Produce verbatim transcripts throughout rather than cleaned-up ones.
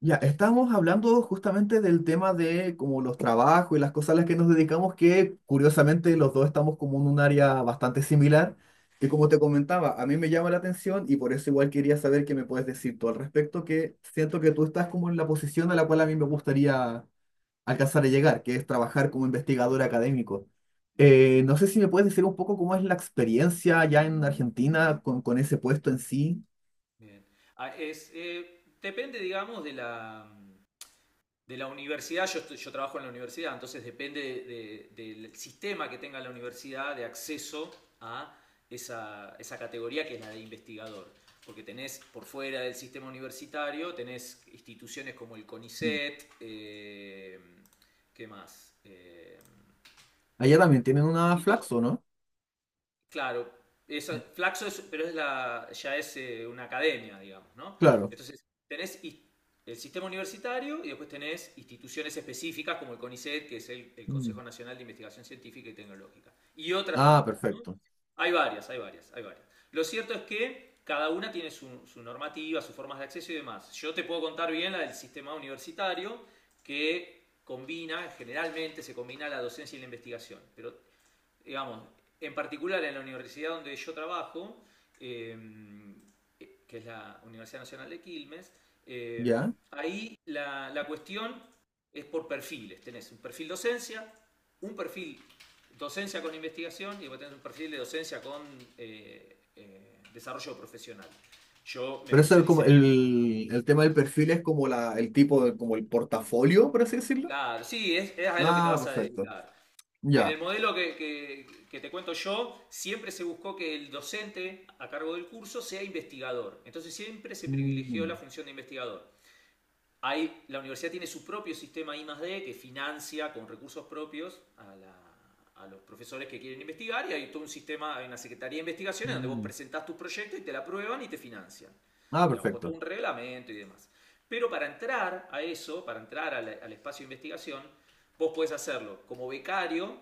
Ya, estamos hablando justamente del tema de como los trabajos y las cosas a las que nos dedicamos, que curiosamente los dos estamos como en un área bastante similar, que como te comentaba, a mí me llama la atención y por eso igual quería saber qué me puedes decir tú al respecto, que siento que tú estás como en la posición a la cual a mí me gustaría alcanzar a llegar, que es trabajar como investigador académico. Eh, no sé si me puedes decir un poco cómo es la experiencia allá en Argentina con, con ese puesto en sí. Bien. Ah, es, eh, depende, digamos, de la, de la universidad. Yo, estoy- yo trabajo en la universidad, entonces depende de- de- del sistema que tenga la universidad de acceso a esa, esa categoría que es la de investigador. Porque tenés por fuera del sistema universitario, tenés instituciones como el CONICET, eh, ¿qué más? Eh, Allá también tienen una Flaxo, ¿no? Claro, eso, Flaxo es, pero es la, ya es eh, una academia, digamos, ¿no? Claro. Entonces, tenés his- el sistema universitario y después tenés instituciones específicas como el CONICET, que es el, el Consejo Nacional de Investigación Científica y Tecnológica, y otras Ah, tantas, ¿no? perfecto. Hay varias, hay varias, hay varias. Lo cierto es que cada una tiene su, su normativa, sus formas de acceso y demás. Yo te puedo contar bien la del sistema universitario, que combina, generalmente se combina la docencia y la investigación, pero digamos, en particular en la universidad donde yo trabajo, eh, que es la Universidad Nacional de Quilmes, eh, Ya. ahí la, la cuestión es por perfiles. Tenés un perfil docencia, un perfil docencia con investigación y vos tenés un perfil de docencia con eh, eh, desarrollo profesional. Yo me Pero eso es como especialicé en... el- el, el tema del perfil es como la, el tipo de, como el portafolio, por así decirlo. Claro, sí, es, es a lo que te Ah, vas a perfecto. dedicar. En el Ya. modelo que, que- que te cuento yo, siempre se buscó que el docente a cargo del curso sea investigador. Entonces siempre se privilegió la Mm, función de investigador. Hay, la universidad tiene su propio sistema I más D que financia con recursos propios a, la- a los profesores que quieren investigar y hay todo un sistema, hay una secretaría de investigaciones donde vos mm. presentás tu proyecto y te la aprueban y te financian. Ah, Digamos, con todo perfecto. un reglamento y demás. Pero para entrar a eso, para entrar al, al espacio de investigación, vos podés hacerlo como becario,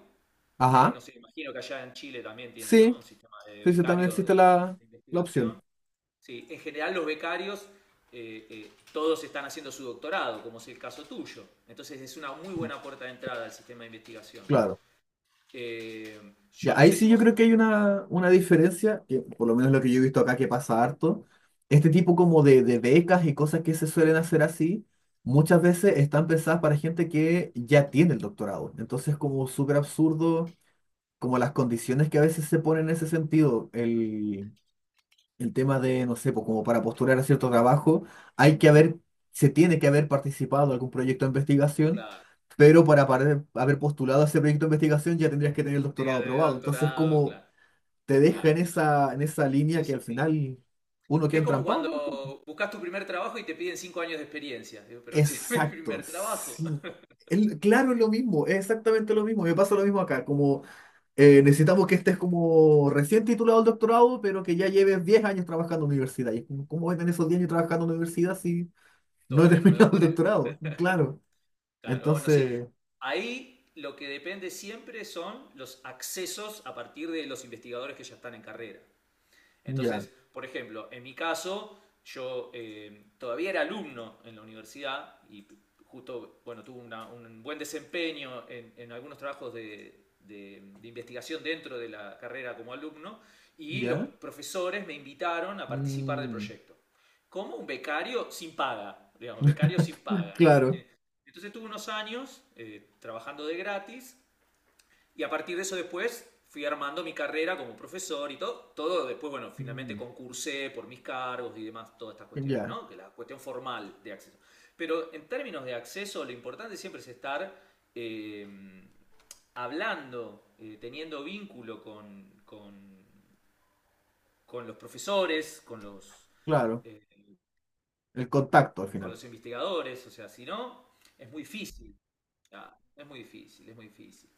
¿sí? No Ajá. sé, imagino que allá en Chile también tienen, ¿no? Sí, Un sistema de sí, sí, también becarios de, existe la, de la opción. investigación. Sí, en general los becarios eh, eh, todos están haciendo su doctorado, como es el caso tuyo. Entonces es una muy buena puerta de entrada al sistema de investigación. Claro. Eh, Ya, yo no ahí sé si sí yo vos, creo que hay una, una diferencia, que por lo menos lo que yo he visto acá que pasa harto. Este tipo como de, de, becas y cosas que se suelen hacer así, muchas veces están pensadas para gente que ya tiene el doctorado. Entonces, como súper absurdo como las condiciones que a veces se ponen en ese sentido, el, el tema de, no sé, pues como para postular a cierto trabajo, hay que haber, se tiene que haber participado en algún proyecto de investigación, claro, pero para pare- haber postulado a ese proyecto de investigación ya tendrías que tener el doctorado tengas de aprobado. Entonces, doctorado, como claro, te deja claro, en claro. esa, en esa Sí, línea que sí, al sí. final uno queda Es como entrampado en la. cuando buscas tu primer trabajo y te piden cinco años de experiencia. Digo, pero si es mi Exacto, primer trabajo, sí. El- claro, es lo mismo, es exactamente lo mismo. Me pasa lo mismo acá, como eh, necesitamos que estés como recién titulado al doctorado, pero que ya lleves diez años trabajando en la universidad. Y es como, ¿cómo voy a tener esos diez años trabajando en la universidad si no he todavía no me terminado el doctoré. doctorado? Claro. Claro, bueno, sí. Entonces, Ahí lo que depende siempre son los accesos a partir de los investigadores que ya están en carrera. Entonces, ya, por ejemplo, en mi caso, yo eh, todavía era alumno en la universidad y justo, bueno, tuve una- un buen desempeño en, en algunos trabajos de, de- de investigación dentro de la carrera como alumno y los ya. profesores me invitaron a participar del Mm, proyecto. Como un becario sin paga, digamos, becario sin paga, ¿no? claro. Eh, Entonces tuve unos años eh, trabajando de gratis y a partir de eso después fui armando mi carrera como profesor y todo. Todo después, bueno, finalmente Mm, concursé por mis cargos y demás, todas estas cuestiones, ya, ¿no? Que la cuestión formal de acceso. Pero en términos de acceso, lo importante siempre es estar eh, hablando, eh, teniendo vínculo con, con, con, los profesores, con los, claro. eh, El contacto al con final. los investigadores. O sea, si no, es muy difícil. Ah, es muy difícil, es muy difícil.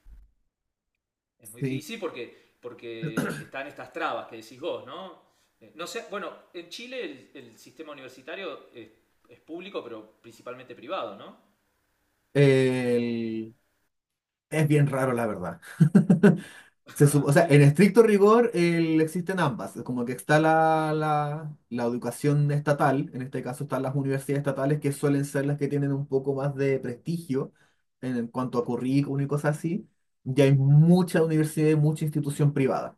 Es muy Sí. difícil sí, porque, porque están estas trabas que decís vos, ¿no? Eh, no sé, bueno, en Chile el, el sistema universitario es, es público, pero principalmente privado, ¿no? El- Es bien raro, la verdad. Se sup- o sea, en estricto rigor el- existen ambas. Es como que está la, la, la educación estatal, en este caso están las universidades estatales, que suelen ser las que tienen un poco más de prestigio en, en, cuanto a currículum y cosas así. Y hay mucha universidad y mucha institución privada.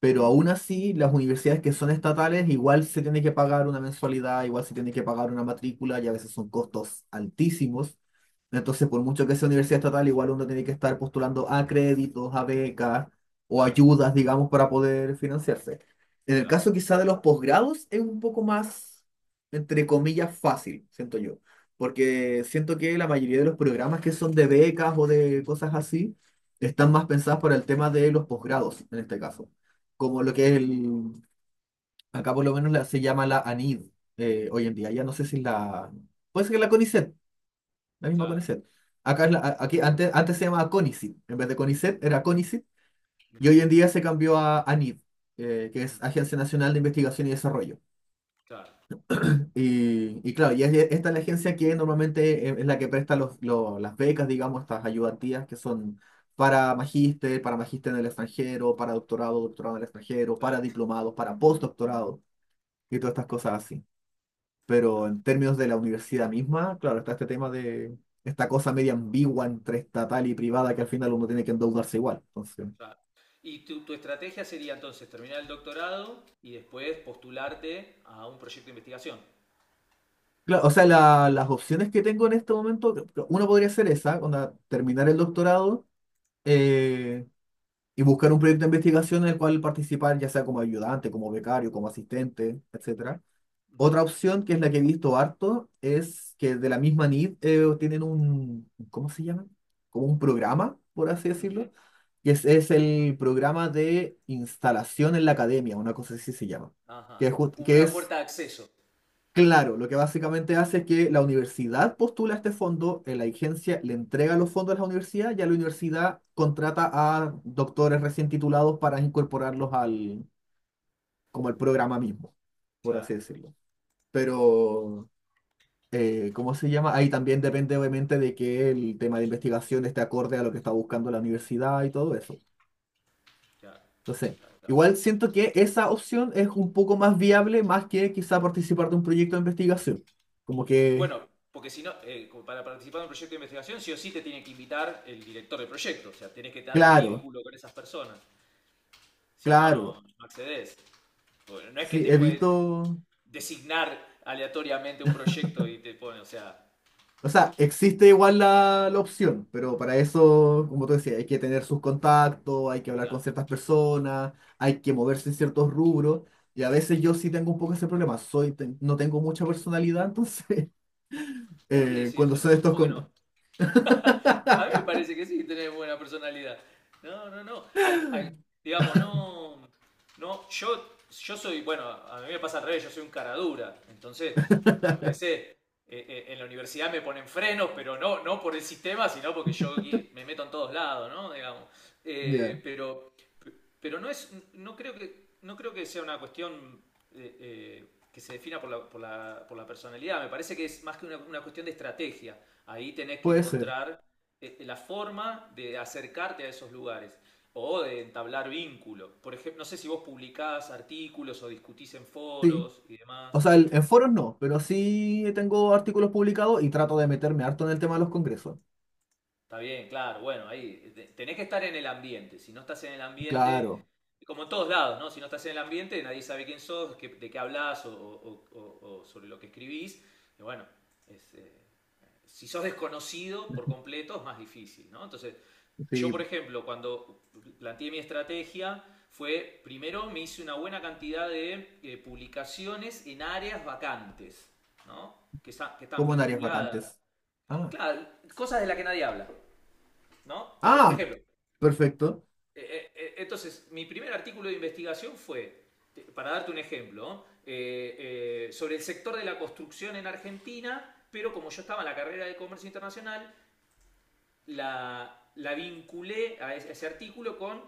Pero Ujú, aún así, las universidades que son estatales igual se tiene que pagar una mensualidad, igual se tiene que pagar una matrícula y a veces son costos altísimos. Entonces, por mucho que sea universidad estatal, igual uno tiene que estar postulando a créditos, a becas o claro, ayudas, digamos, para poder financiarse. En el claro, caso quizá de los posgrados es un poco más, entre comillas, fácil, siento yo, porque siento que la mayoría de los programas que son de becas o de cosas así están más pensadas para el tema de los posgrados, en este caso como lo que es el, acá por lo menos la- se llama la A N I D eh, hoy en día. Ya no sé si la, puede ser que la CONICET, la misma claro. CONICET. Acá es la- a- aquí antes, antes se llamaba CONICIT, en vez de CONICET era CONICIT y Mirá, hoy en día se cambió a ANID, eh, que ujú, es Agencia Nacional de Investigación y Desarrollo. claro, Y, y claro, y es- esta es la agencia que normalmente es es la que presta los, lo- las becas, digamos, estas ayudantías que son para magíster, para magíster en el extranjero, para doctorado, doctorado en el extranjero, para claro, diplomados, para postdoctorado. Y todas estas cosas así. Pero claro, en términos de la universidad misma, claro, está este tema de esta cosa media ambigua entre estatal y privada que al final uno tiene que endeudarse igual. Entonces, claro. Y tu, tu estrategia sería entonces terminar el doctorado y después postularte a un proyecto de investigación. claro, o sea, la- las opciones que tengo en este momento, que- que uno podría ser esa, onda, terminar el doctorado eh, y buscar un proyecto de investigación en el cual participar, ya sea como ayudante, como becario, como asistente, etcétera. Ujú, Otra opción, que es la que he visto harto, es que de la misma N I D eh, tienen un, ¿cómo se llama? Como un programa, por así ujú. decirlo, que es, es el programa de instalación en la academia, una cosa así se llama, que Ajá. es, jus- Como que una es puerta de acceso. claro, lo que básicamente hace es que la universidad postula este fondo, eh, la agencia le entrega los fondos a la universidad, y a la universidad contrata a doctores recién titulados para incorporarlos al, como al programa mismo, por así Claro, decirlo. Pero eh, ¿cómo se llama? Ahí también depende obviamente de que el tema de investigación esté acorde a lo que está buscando la universidad y todo eso. claro, claro, Entonces, claro, claro. igual siento que esa opción es un poco más viable más que quizá participar de un proyecto de investigación. Como que, Bueno, porque si no, eh, para participar en un proyecto de investigación, sí o sí te tiene que invitar el director del proyecto. O sea, tenés que estar en claro, vínculo con esas personas. Si no, claro. no, no accedes. Bueno, no es que Sí, te he pueden visto. designar aleatoriamente un proyecto y te ponen, o sea, O sea, existe igual la, la opción, pero para eso, como tú decías, hay que tener sus contactos, hay que hablar con claro. ciertas personas, hay que moverse en ciertos rubros. Y a veces yo sí tengo un poco ese problema. Soy, ten- no tengo mucha personalidad, entonces, ¿Por qué eh, decís cuando eso? soy de No, estos ¿cómo que no? con... A mí me parece que sí, tenés buena personalidad. No, no, no. Al- al- digamos, no. No, yo, yo soy, bueno, a mí me pasa al revés, yo soy un cara dura. Entonces, muchas veces eh, eh, en la universidad me ponen frenos, pero no, no por el sistema, sino porque yo qui- me meto en todos lados, ¿no? Digamos. Ya, Eh, pero, pero no es, no creo que, no creo que sea una cuestión eh, eh, que se defina por la, por la, por la personalidad. Me parece que es más que una, una cuestión de estrategia. Ahí tenés que puede ser, encontrar eh, eh, la forma de acercarte a esos lugares o de entablar vínculo. Por ejemplo, no sé si vos publicás artículos o discutís en sí. foros y demás. O sea, el- en foros no, pero sí tengo artículos publicados y trato de meterme harto en el tema de los congresos. Está bien, claro, bueno, ahí eh, te- tenés que estar en el ambiente. Si no estás en el ambiente, Claro, como en todos lados, ¿no? Si no estás en el ambiente, nadie sabe quién sos, qué- de qué hablas o, o- o- o sobre lo que escribís. Y bueno, es, eh, si sos desconocido por completo es más difícil, ¿no? Entonces, yo, sí, por ejemplo, cuando planteé mi estrategia, fue primero me hice una buena cantidad de eh, publicaciones en áreas vacantes, ¿no? Que, que están como en áreas vinculadas. vacantes. Ah, Claro, cosas de las que nadie habla, ¿no? Entonces, por ah, ejemplo, eh, perfecto. eh, eh, entonces, mi primer artículo de investigación fue, para darte un ejemplo, ¿no? Eh, eh, sobre el sector de la construcción en Argentina, pero como yo estaba en la carrera de comercio internacional, la, la vinculé a ese, artículo con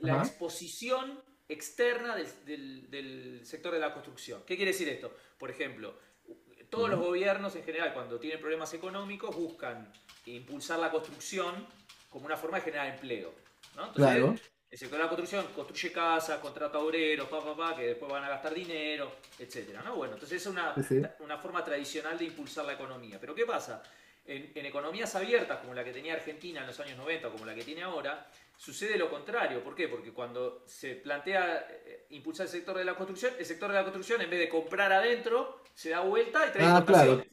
la Ajá, exposición externa del, del- del sector de la construcción. ¿Qué quiere decir esto? Por ejemplo, todos ya, los gobiernos en general, cuando tienen problemas económicos, buscan impulsar la construcción como una forma de generar empleo. ¿No? Entonces, claro. el sector de la construcción construye casas, contrata obreros, pa, pa, pa, que después van a gastar dinero, etcétera. ¿No? Bueno, entonces es Sí, una, sí. una forma tradicional de impulsar la economía. Pero ¿qué pasa? En, en economías abiertas, como la que tenía Argentina en los años noventa, como la que tiene ahora, sucede lo contrario. ¿Por qué? Porque cuando se plantea eh, impulsar el sector de la construcción, el sector de la construcción, en vez de comprar adentro, se da vuelta y trae Ah, importaciones, claro,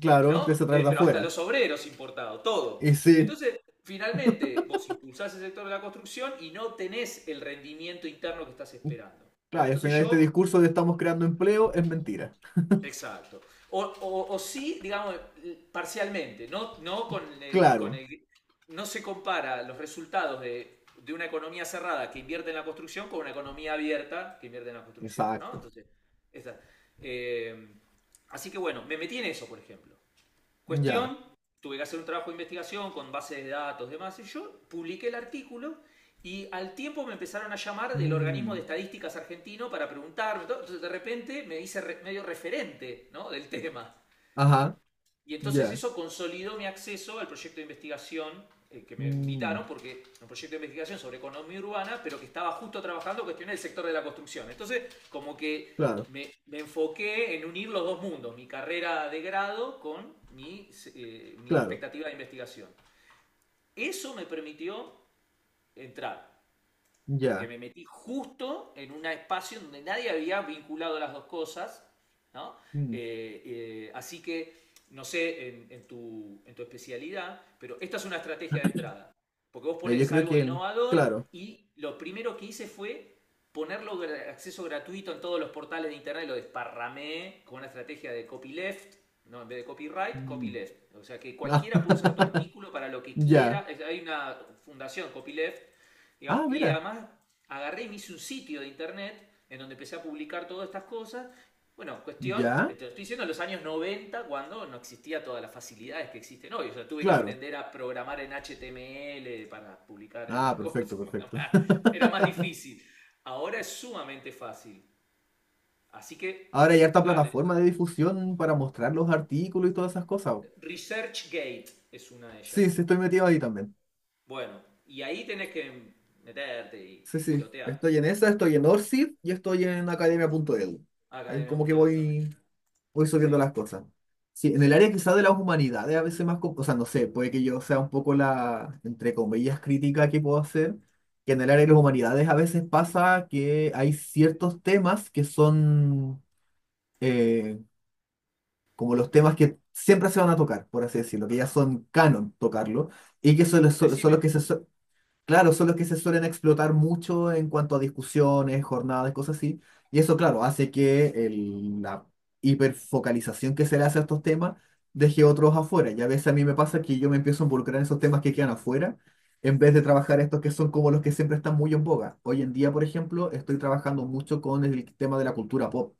claro, ¿no? empieza a traer Eh, de pero hasta afuera. los obreros importados, todo. Y sí, Entonces, finalmente, vos impulsás el sector de la construcción y no tenés el rendimiento interno que estás esperando. claro, Bueno, y al entonces final este yo discurso de estamos creando empleo es mentira. exacto. O, o, o sí, digamos, parcialmente, no, no con el, con Claro, el- no se compara los resultados de, de una economía cerrada que invierte en la construcción con una economía abierta que invierte en la construcción, ¿no? exacto. Entonces, esa- eh, así que bueno, me metí en eso, por ejemplo. Ya. Cuestión, tuve que hacer un trabajo de investigación con bases de datos, demás, y yo publiqué el artículo y al tiempo me empezaron a llamar del organismo Mm, de estadísticas argentino para preguntarme, entonces de repente me hice re- medio referente, ¿no? Del tema. ajá, Y entonces ya. eso consolidó mi acceso al proyecto de investigación eh, que me Mm, invitaron, porque un proyecto de investigación sobre economía urbana, pero que estaba justo trabajando cuestiones del sector de la construcción. Entonces, como que claro, me, me enfoqué en unir los dos mundos, mi carrera de grado con mi, eh, mi claro, expectativa de investigación. Eso me permitió entrar porque ya. me metí justo en un espacio donde nadie había vinculado las dos cosas, ¿no? Mm, Eh, eh, así que, no sé, en, en tu, en tu especialidad, pero esta es una estrategia de entrada, porque vos eh, yo pones creo algo que el, innovador claro. y lo primero que hice fue ponerlo de acceso gratuito en todos los portales de internet, lo desparramé con una estrategia de copyleft, no, en vez de copyright, Mm, copyleft. O sea que ah, cualquiera puede usar tu artículo para lo que ya. quiera. Hay una fundación, copyleft, Ah, digamos, y mira, además agarré y me hice un sitio de internet en donde empecé a publicar todas estas cosas. Bueno, cuestión, ya, te lo estoy diciendo en los años noventa cuando no existía todas las facilidades que existen hoy. O sea, tuve que claro. aprender a programar en H T M L para publicar Ah, las perfecto, cosas. Bueno, perfecto. era más difícil. Ahora es sumamente fácil. Así que, Ahora hay harta fíjate, plataforma de difusión para mostrar los artículos y todas esas cosas. ResearchGate es una de Sí, ellas. sí, estoy metido ahí también. Bueno, y ahí tenés que meterte y Sí, sí. tirotear. Estoy en esa, estoy en Orsid y estoy en academia punto e d u. Ahí Academia como que punto Academia.de voy, también. voy subiendo Sí, las cosas. Sí, en el sí. área quizá de las humanidades, a veces más, com- o sea, no sé, puede que yo sea un poco la, entre comillas, crítica que puedo hacer, que en el área de las humanidades a veces pasa que hay ciertos temas que son eh, como los temas que siempre se van a tocar, por así decirlo, que ya Ajá, son canon tocarlo, y que son, los- uh, son decime. los que se. Claro, son los que se suelen explotar mucho en cuanto a discusiones, jornadas, cosas así. Y eso, claro, hace que el- la hiperfocalización que se le hace a estos temas deje otros afuera. Y a veces a mí me pasa que yo me empiezo a involucrar en esos temas que quedan afuera, en vez de trabajar estos que son como los que siempre están muy en boga. Hoy en día, por ejemplo, estoy trabajando mucho con el tema de la cultura pop.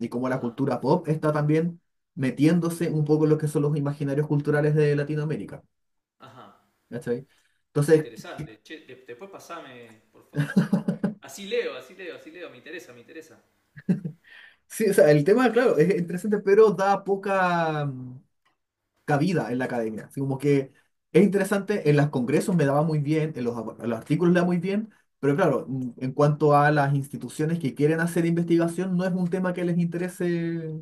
Y como la Ajá, cultura pop está también metiéndose un poco en lo que son los imaginarios culturales de Latinoamérica. ajá. ¿Cachai? Muy Entonces... interesante. Che, de- después pasame, por favor. Así leo, así leo, así leo. Me interesa, me interesa. Sí, o sea, el tema, claro, es interesante, pero da poca mm, cabida en la academia. Así como que es interesante, en los congresos me daba muy bien, en los, en los artículos le da muy bien, pero claro, mm, en cuanto a las instituciones que quieren hacer investigación, no es un tema que les interese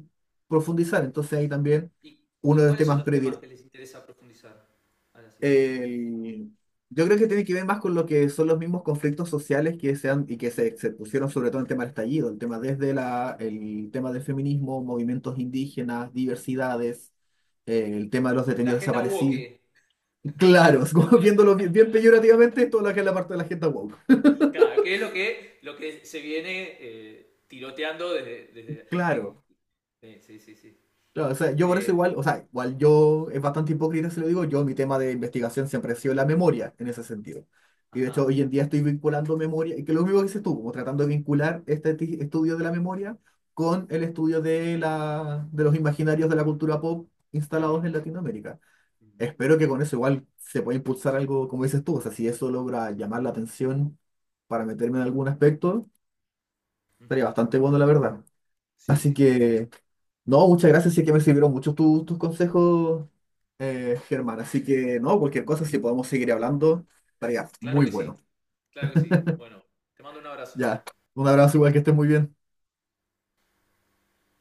profundizar. Entonces ahí también ¿Y, uno y de los cuáles son temas los temas que predilectos les interesa profundizar a las instituciones? eh, yo creo que tiene que ver más con lo que son los mismos conflictos sociales que se han, y que se, se pusieron sobre todo en el tema del estallido, el tema desde la, el tema del feminismo, movimientos indígenas, diversidades, eh, el tema de los La detenidos agenda woke. desaparecidos. Claro, es como viéndolo bien, bien peyorativamente, todo lo que es la parte de la gente woke. Claro, que es lo que, lo que se viene eh, tiroteando desde... desde eh, Claro. eh, sí, sí, sí. Claro, o sea, yo por eso Eh, igual, o sea, igual yo es bastante hipócrita si lo digo, yo mi tema de investigación siempre ha sido la memoria en ese sentido. Y de ajá. hecho hoy en día estoy vinculando memoria, y que lo mismo que dices tú, como tratando de vincular este ti- estudio de la memoria con el estudio de, la, de los imaginarios de la cultura pop instalados Mm, en Latinoamérica. mm, Espero que con eso igual se pueda impulsar algo, como dices tú, o sea, si eso logra llamar la atención para meterme en algún aspecto, ujú. estaría bastante bueno, la verdad. Sí, Así sí, sí, sí. que... No, muchas gracias, sí que me sirvieron mucho tus, tus consejos, eh, Germán. Así que, no, cualquier cosa, si podemos seguir hablando, estaría Claro muy que sí, bueno. claro que sí. Bueno, te mando un abrazo. Ya, un abrazo igual que estés muy bien.